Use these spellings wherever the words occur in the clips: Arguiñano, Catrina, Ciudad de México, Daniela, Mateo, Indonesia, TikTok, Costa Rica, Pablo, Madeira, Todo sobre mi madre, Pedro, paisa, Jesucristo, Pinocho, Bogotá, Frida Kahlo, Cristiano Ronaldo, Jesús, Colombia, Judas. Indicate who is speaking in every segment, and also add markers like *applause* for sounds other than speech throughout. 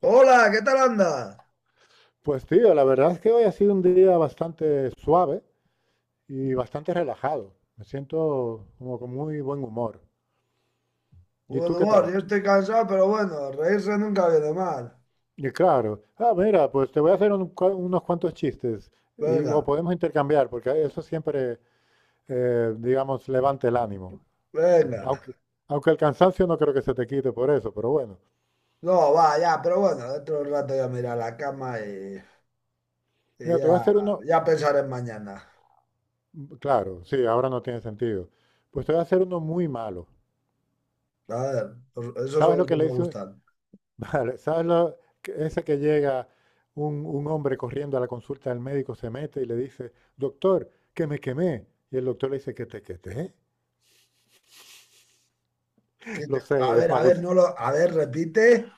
Speaker 1: Hola, ¿qué tal andas?
Speaker 2: Pues tío, la verdad es que hoy ha sido un día bastante suave y bastante relajado. Me siento como con muy buen humor. ¿Y tú
Speaker 1: Bueno,
Speaker 2: qué
Speaker 1: humor,
Speaker 2: tal?
Speaker 1: yo estoy cansado, pero bueno, reírse nunca viene mal.
Speaker 2: Y claro, ah, mira, pues te voy a hacer unos cuantos chistes y o
Speaker 1: Venga,
Speaker 2: podemos intercambiar, porque eso siempre, digamos, levanta el ánimo.
Speaker 1: venga.
Speaker 2: Aunque, aunque el cansancio no creo que se te quite por eso, pero bueno.
Speaker 1: No, va, ya, pero bueno, dentro de un rato ya me iré a la cama y
Speaker 2: Mira, te
Speaker 1: ya,
Speaker 2: voy a hacer uno,
Speaker 1: ya pensaré en mañana.
Speaker 2: claro, sí, ahora no tiene sentido. Pues te voy a hacer uno muy malo.
Speaker 1: A ver, esos son
Speaker 2: ¿Sabes lo
Speaker 1: los que
Speaker 2: que le
Speaker 1: me
Speaker 2: hizo?
Speaker 1: gustan.
Speaker 2: Vale, ¿sabes lo, ese que llega un hombre corriendo a la consulta del médico, se mete y le dice, doctor, ¿que me quemé? Y el doctor le dice, ¿que te quemé? *laughs* Lo sé, es
Speaker 1: A ver,
Speaker 2: malísimo.
Speaker 1: no lo, a ver, repite.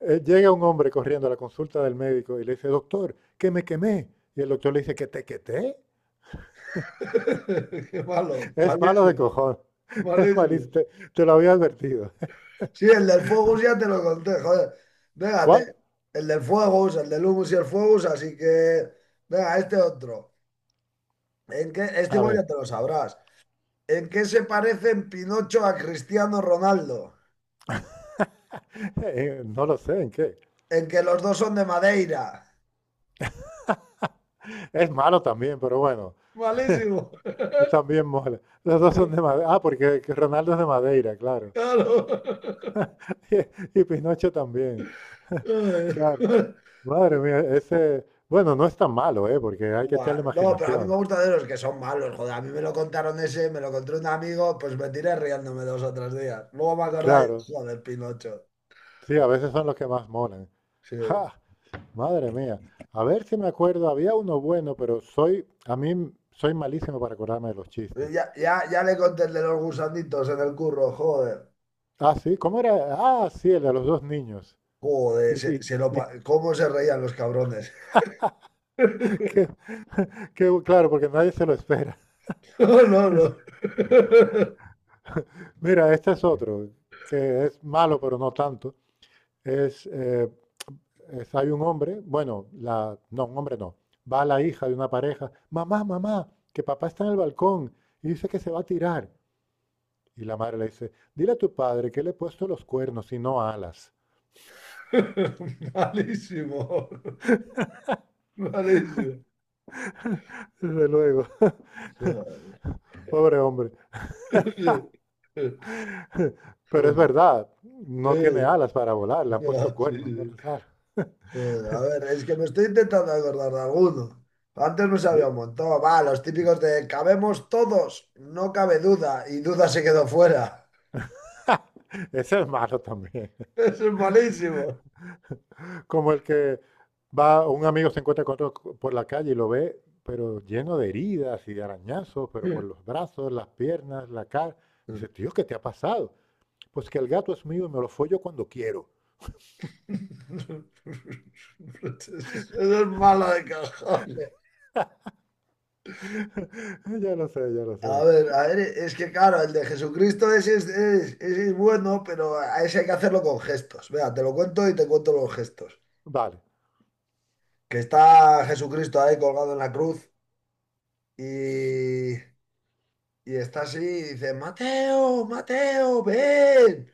Speaker 2: Llega un hombre corriendo a la consulta del médico y le dice, doctor, ¿que me quemé? Y el doctor le dice, ¿que te quemé?
Speaker 1: *laughs* Qué malo,
Speaker 2: *laughs* Es malo de
Speaker 1: malísimo,
Speaker 2: cojón. *laughs* Es
Speaker 1: malísimo.
Speaker 2: malísimo, te lo había advertido.
Speaker 1: Sí, el del fuego ya te lo conté, joder.
Speaker 2: *laughs*
Speaker 1: Venga,
Speaker 2: ¿Cuál?
Speaker 1: el del fuego, el del humus y el fuego, así que, venga, este otro. Este
Speaker 2: A
Speaker 1: igual ya
Speaker 2: ver,
Speaker 1: te lo sabrás. ¿En qué se parecen Pinocho a Cristiano Ronaldo?
Speaker 2: *laughs* no lo sé en qué.
Speaker 1: En que los dos son de Madeira.
Speaker 2: Es malo también, pero bueno,
Speaker 1: Malísimo.
Speaker 2: también mola. Los dos son de
Speaker 1: *laughs*
Speaker 2: Madeira. Ah, porque que Ronaldo es de Madeira, claro.
Speaker 1: Claro. *laughs*
Speaker 2: *laughs* Y Pinocho también. *laughs* Claro. Madre mía, ese, bueno, no es tan malo, ¿eh? Porque hay que
Speaker 1: Buah,
Speaker 2: echarle
Speaker 1: no, pero a mí
Speaker 2: imaginación.
Speaker 1: me gusta de los que son malos, joder. A mí me lo contaron ese, me lo contó un amigo, pues me tiré riéndome 2 o 3 días. Luego me acordaba y
Speaker 2: Claro.
Speaker 1: dije, joder, Pinocho.
Speaker 2: Sí, a veces son los que más molan. *laughs*
Speaker 1: Sí.
Speaker 2: ¡Ja! Madre mía. A ver si me acuerdo, había uno bueno, pero soy, soy malísimo para acordarme de los chistes.
Speaker 1: Ya, ya, ya le conté el de los gusanditos en el curro, joder.
Speaker 2: Ah, sí, ¿cómo era? Ah, sí, el de los dos niños.
Speaker 1: Joder,
Speaker 2: Y, que- y que-
Speaker 1: ¿cómo se reían los cabrones?
Speaker 2: *laughs*
Speaker 1: *laughs*
Speaker 2: que claro, porque nadie se lo espera.
Speaker 1: No,
Speaker 2: *laughs*
Speaker 1: no,
Speaker 2: Es-
Speaker 1: no. *laughs*
Speaker 2: mira, este es otro, que es malo, pero no tanto. Es, eh, Hay un hombre, bueno, la, no, un hombre no, va la hija de una pareja, mamá, mamá, que papá está en el balcón y dice que se va a tirar. Y la madre le dice, dile a tu padre que le he puesto los cuernos y no alas.
Speaker 1: Malísimo. Malísimo.
Speaker 2: Desde luego, *laughs*
Speaker 1: Joder.
Speaker 2: pobre hombre.
Speaker 1: Joder.
Speaker 2: *laughs*
Speaker 1: Sí,
Speaker 2: Pero es
Speaker 1: no,
Speaker 2: verdad, no tiene alas para volar, le han puesto
Speaker 1: sí,
Speaker 2: cuernos, no
Speaker 1: sí.
Speaker 2: las alas.
Speaker 1: Joder, a ver, es que me estoy intentando acordar de alguno. Antes me sabía
Speaker 2: Yo,
Speaker 1: un montón. Va, los típicos de cabemos todos, no cabe duda, y duda se quedó fuera.
Speaker 2: *laughs* ese es malo también.
Speaker 1: *laughs* Eso es malísimo.
Speaker 2: Como el que va, un amigo se encuentra con otro por la calle y lo ve, pero lleno de heridas y de arañazos, pero por
Speaker 1: *laughs*
Speaker 2: los brazos, las piernas, la cara. Dice, tío, ¿qué te ha pasado? Pues que el gato es mío y me lo follo cuando quiero.
Speaker 1: Eso es malo de cajón.
Speaker 2: *laughs* Ya lo sé, ya lo sé.
Speaker 1: A ver, es que claro, el de Jesucristo ese ese es bueno, pero a ese hay que hacerlo con gestos. Vea, te lo cuento y te cuento los gestos.
Speaker 2: Vale.
Speaker 1: Que está Jesucristo ahí colgado en la cruz y, y está así y dice, Mateo, Mateo, ven.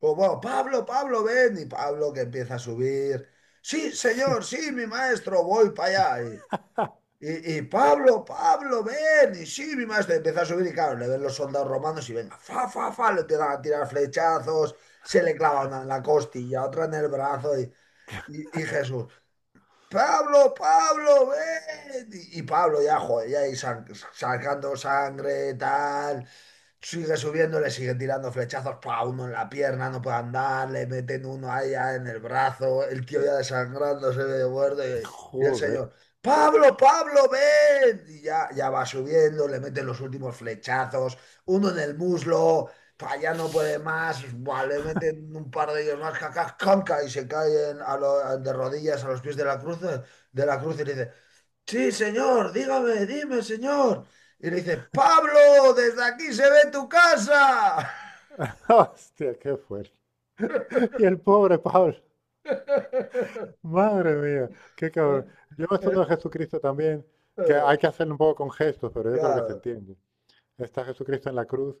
Speaker 1: O bueno, Pablo, Pablo, ven. Y Pablo que empieza a subir. Sí, señor, sí, mi maestro, voy para allá. Y Pablo, Pablo, ven, y sí, mi maestro, y empieza a subir y claro, le ven los soldados romanos y venga, fa, fa, fa, le empiezan a tirar flechazos, se le clava una en la costilla, otra en el brazo y Jesús, Pablo, Pablo, ven, y Pablo ya, joder, ya ahí sacando sangre, tal, sigue subiendo, le sigue tirando flechazos, pa, uno en la pierna, no puede andar, le meten uno allá en el brazo, el tío ya desangrándose de muerto y el
Speaker 2: Joder.
Speaker 1: señor, Pablo, Pablo, ven, y ya va subiendo, le meten los últimos flechazos, uno en el muslo, pa, ya no puede más, buah, le meten un par de ellos más, cacas, canca, y se caen de rodillas a los pies de la cruz y le dice, sí, señor, dígame, dime, señor. Y le dice, Pablo, desde aquí se ve tu casa.
Speaker 2: *laughs* Hostia, qué fuerte. *laughs* Y el pobre Pablo.
Speaker 1: *laughs*
Speaker 2: Madre mía, qué cabrón. Yo me estoy a Jesucristo también, que hay que hacerlo un poco con gestos, pero yo creo que se
Speaker 1: Claro.
Speaker 2: entiende. Está Jesucristo en la cruz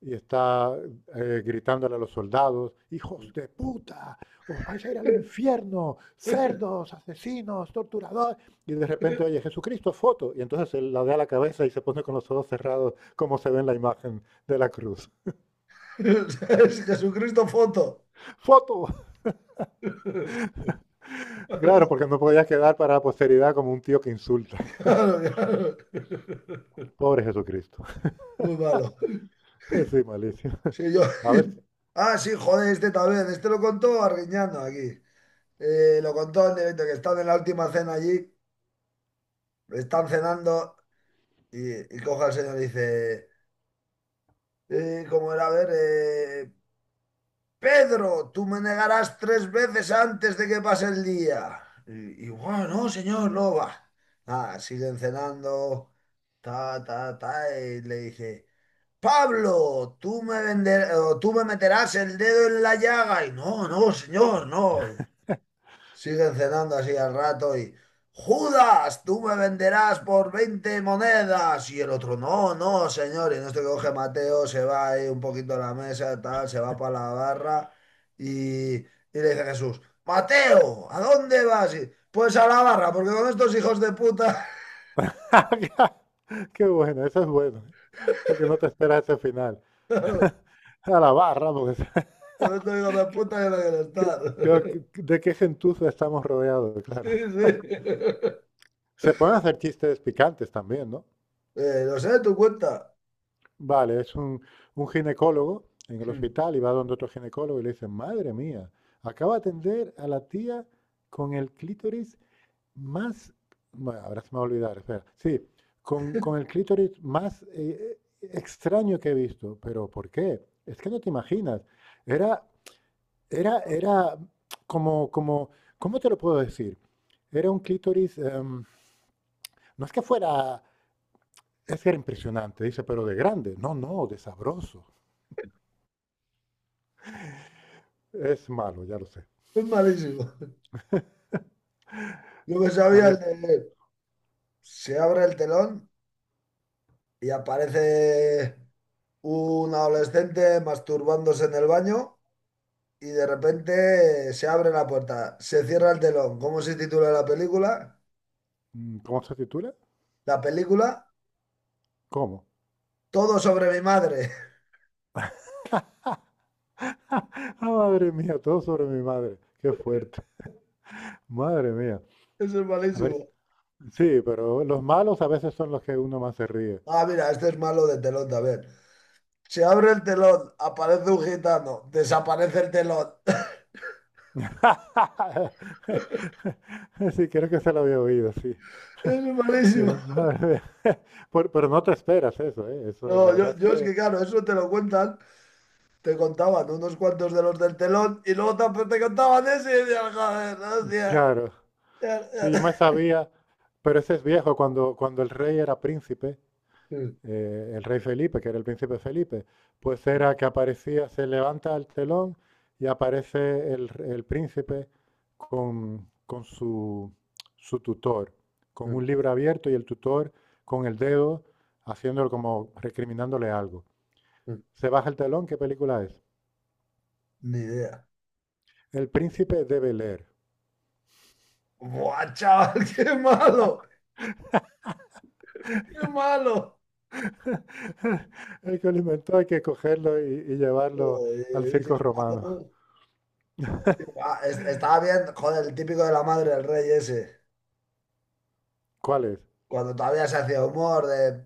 Speaker 2: y está gritándole a los soldados, hijos de puta, os vais a ir al infierno,
Speaker 1: *laughs*
Speaker 2: cerdos, asesinos, torturadores. Y de repente, oye, Jesucristo, foto. Y entonces él la da la cabeza y se pone con los ojos cerrados, como se ve en la imagen de la cruz.
Speaker 1: Es Jesucristo foto.
Speaker 2: ¡Foto! *laughs*
Speaker 1: Claro,
Speaker 2: Claro, porque no podía quedar para la posteridad como un tío que insulta.
Speaker 1: claro.
Speaker 2: Pobre Jesucristo.
Speaker 1: Muy malo.
Speaker 2: *laughs* Sí, malísimo.
Speaker 1: Sí, yo...
Speaker 2: A ver,
Speaker 1: *laughs* Ah, sí, joder, este también. Este lo contó Arguiñano aquí. Lo contó en el evento que están en la última cena allí. Están cenando y coge al señor y dice... ¿Cómo era? A ver, Pedro, tú me negarás 3 veces antes de que pase el día. "Guau, no, señor, no va. Ah, siguen cenando, ta, ta, ta, y le dice, Pablo, o tú me meterás el dedo en la llaga. Y no, no, señor, no. Siguen cenando así al rato y, Judas, tú me venderás por 20 monedas. Y el otro, no, no, señor. Y en esto que coge Mateo, se va ahí un poquito a la mesa, tal, se va para la barra y le dice Jesús, Mateo, ¿a dónde vas? Y, pues a la barra, porque con estos hijos de puta,
Speaker 2: *laughs* qué bueno, eso es bueno, porque no te esperas ese final.
Speaker 1: *laughs* con
Speaker 2: *laughs* A la barra, porque.
Speaker 1: estos hijos de puta yo no quiero
Speaker 2: *laughs* qué ¿Qué-
Speaker 1: estar. *laughs*
Speaker 2: qué- ¿De qué gentuza estamos rodeados? *laughs*
Speaker 1: Sí,
Speaker 2: Claro.
Speaker 1: sí. *laughs*
Speaker 2: Se pueden hacer chistes picantes también, ¿no?
Speaker 1: Lo sé, tu cuenta.
Speaker 2: Vale, es un ginecólogo en el hospital
Speaker 1: *laughs*
Speaker 2: y va donde otro ginecólogo y le dice, madre mía, acaba de atender a la tía con el clítoris más. Bueno, ahora se me va a olvidar, espera. Sí, con el clítoris más extraño que he visto. ¿Pero por qué? Es que no te imaginas. Era era como, ¿cómo te lo puedo decir? Era un clítoris, no es que fuera, es que era impresionante, dice, pero de grande. No, no, de sabroso. Es malo, ya lo sé.
Speaker 1: Es malísimo. Yo que
Speaker 2: A
Speaker 1: sabía el
Speaker 2: ver,
Speaker 1: de... Se abre el telón y aparece un adolescente masturbándose en el baño y de repente se abre la puerta, se cierra el telón. ¿Cómo se titula la película?
Speaker 2: ¿cómo se titula?
Speaker 1: La película
Speaker 2: ¿Cómo? *laughs*
Speaker 1: Todo sobre mi madre.
Speaker 2: Ah, madre mía, todo sobre mi madre. Qué fuerte. *laughs* Madre mía.
Speaker 1: *laughs* Eso es
Speaker 2: A ver,
Speaker 1: malísimo.
Speaker 2: sí, pero los malos a veces son los que uno más se ríe.
Speaker 1: Ah, mira, este es malo de telón también. Se abre el telón, aparece un gitano, desaparece el telón. *laughs*
Speaker 2: *laughs* Sí, creo que se lo había oído, sí.
Speaker 1: Es
Speaker 2: *laughs*
Speaker 1: malísimo.
Speaker 2: Madre mía. *laughs* Pero no te esperas eso, ¿eh? Eso, la
Speaker 1: No, yo,
Speaker 2: verdad es
Speaker 1: yo es
Speaker 2: que,
Speaker 1: que claro, eso te lo cuentan, te contaban unos cuantos de los del telón y luego también te contaban ese y decías, joder, hostia.
Speaker 2: claro,
Speaker 1: Ya,
Speaker 2: sí, yo me
Speaker 1: ya.
Speaker 2: sabía, pero ese es viejo, cuando el rey era príncipe,
Speaker 1: Mm,
Speaker 2: el rey Felipe, que era el príncipe Felipe, pues
Speaker 1: mm,
Speaker 2: era que aparecía, se levanta el telón y aparece el príncipe con su tutor, con
Speaker 1: mm,
Speaker 2: un libro abierto y el tutor con el dedo haciéndolo como recriminándole algo.
Speaker 1: mm.
Speaker 2: Se baja el telón, ¿qué película es?
Speaker 1: Ni idea.
Speaker 2: El príncipe de Bel-Air.
Speaker 1: ¡Buah, chaval! *laughs* ¡Qué malo! ¡Qué malo!
Speaker 2: *laughs* El que lo inventó hay que cogerlo y llevarlo al
Speaker 1: Joder,
Speaker 2: circo
Speaker 1: dices
Speaker 2: romano.
Speaker 1: malo. Qué Estaba bien, joder, el típico de la madre del rey ese.
Speaker 2: ¿Cuál es?
Speaker 1: Cuando todavía se hacía humor de.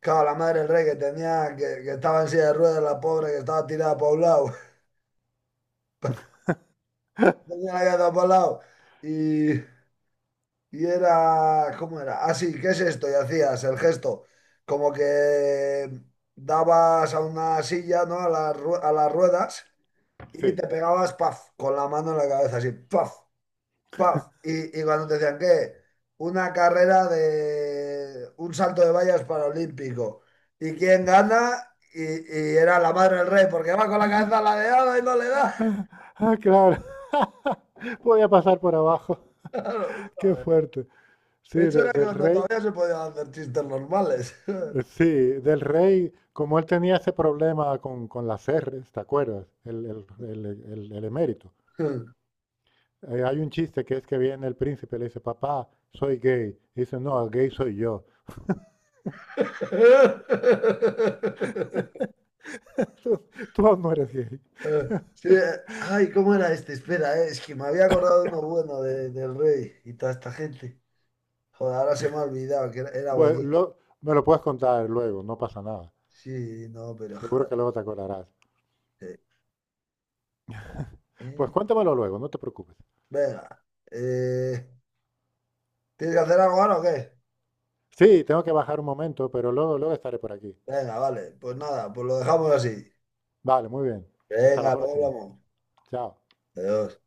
Speaker 1: Claro, la madre del rey que tenía, que estaba en silla de ruedas, la pobre, que estaba tirada por un lado. *laughs* Tenía la cabeza por un lado. Y, y era. ¿Cómo era? Ah, sí, ¿qué es esto? Y hacías el gesto. Como que dabas a una silla, ¿no? A las a las ruedas. Y
Speaker 2: Sí. *laughs*
Speaker 1: te pegabas, paf, con la mano en la cabeza, así, paf, paf. Y cuando te decían, ¿qué? Una carrera de un salto de vallas paralímpico. ¿Y quién gana? Y era la madre del rey, porque va con la cabeza ladeada y no le da.
Speaker 2: Ah,
Speaker 1: *laughs*
Speaker 2: ah, claro. *laughs* Podía pasar por abajo.
Speaker 1: Claro,
Speaker 2: *laughs* Qué
Speaker 1: joder.
Speaker 2: fuerte. Sí,
Speaker 1: Eso era
Speaker 2: del
Speaker 1: cuando
Speaker 2: rey.
Speaker 1: todavía se podían hacer chistes normales.
Speaker 2: Sí, del rey, como él tenía ese problema con las R's, ¿te acuerdas? El emérito.
Speaker 1: *laughs*
Speaker 2: Hay un chiste que es que viene el príncipe y le dice, papá, soy gay. Y dice, no, gay soy yo. *laughs* Tú tú no eres gay.
Speaker 1: Sí, ay, ¿cómo era este? Espera, es que me había acordado de uno bueno del rey y toda esta gente. Joder, ahora se me ha olvidado que era, era
Speaker 2: Pues
Speaker 1: buenísimo.
Speaker 2: me lo puedes contar luego, no pasa nada.
Speaker 1: Sí, no, pero
Speaker 2: Seguro
Speaker 1: joder.
Speaker 2: que luego te acordarás. Pues
Speaker 1: eh.
Speaker 2: cuéntamelo luego, no te preocupes.
Speaker 1: Venga. eh, ¿Tienes que hacer algo ahora o qué?
Speaker 2: Sí, tengo que bajar un momento, pero luego, luego estaré por aquí.
Speaker 1: Venga, vale. Pues nada, pues lo dejamos así.
Speaker 2: Vale, muy bien. Hasta la
Speaker 1: Venga, luego
Speaker 2: próxima.
Speaker 1: hablamos.
Speaker 2: Chao.
Speaker 1: Adiós.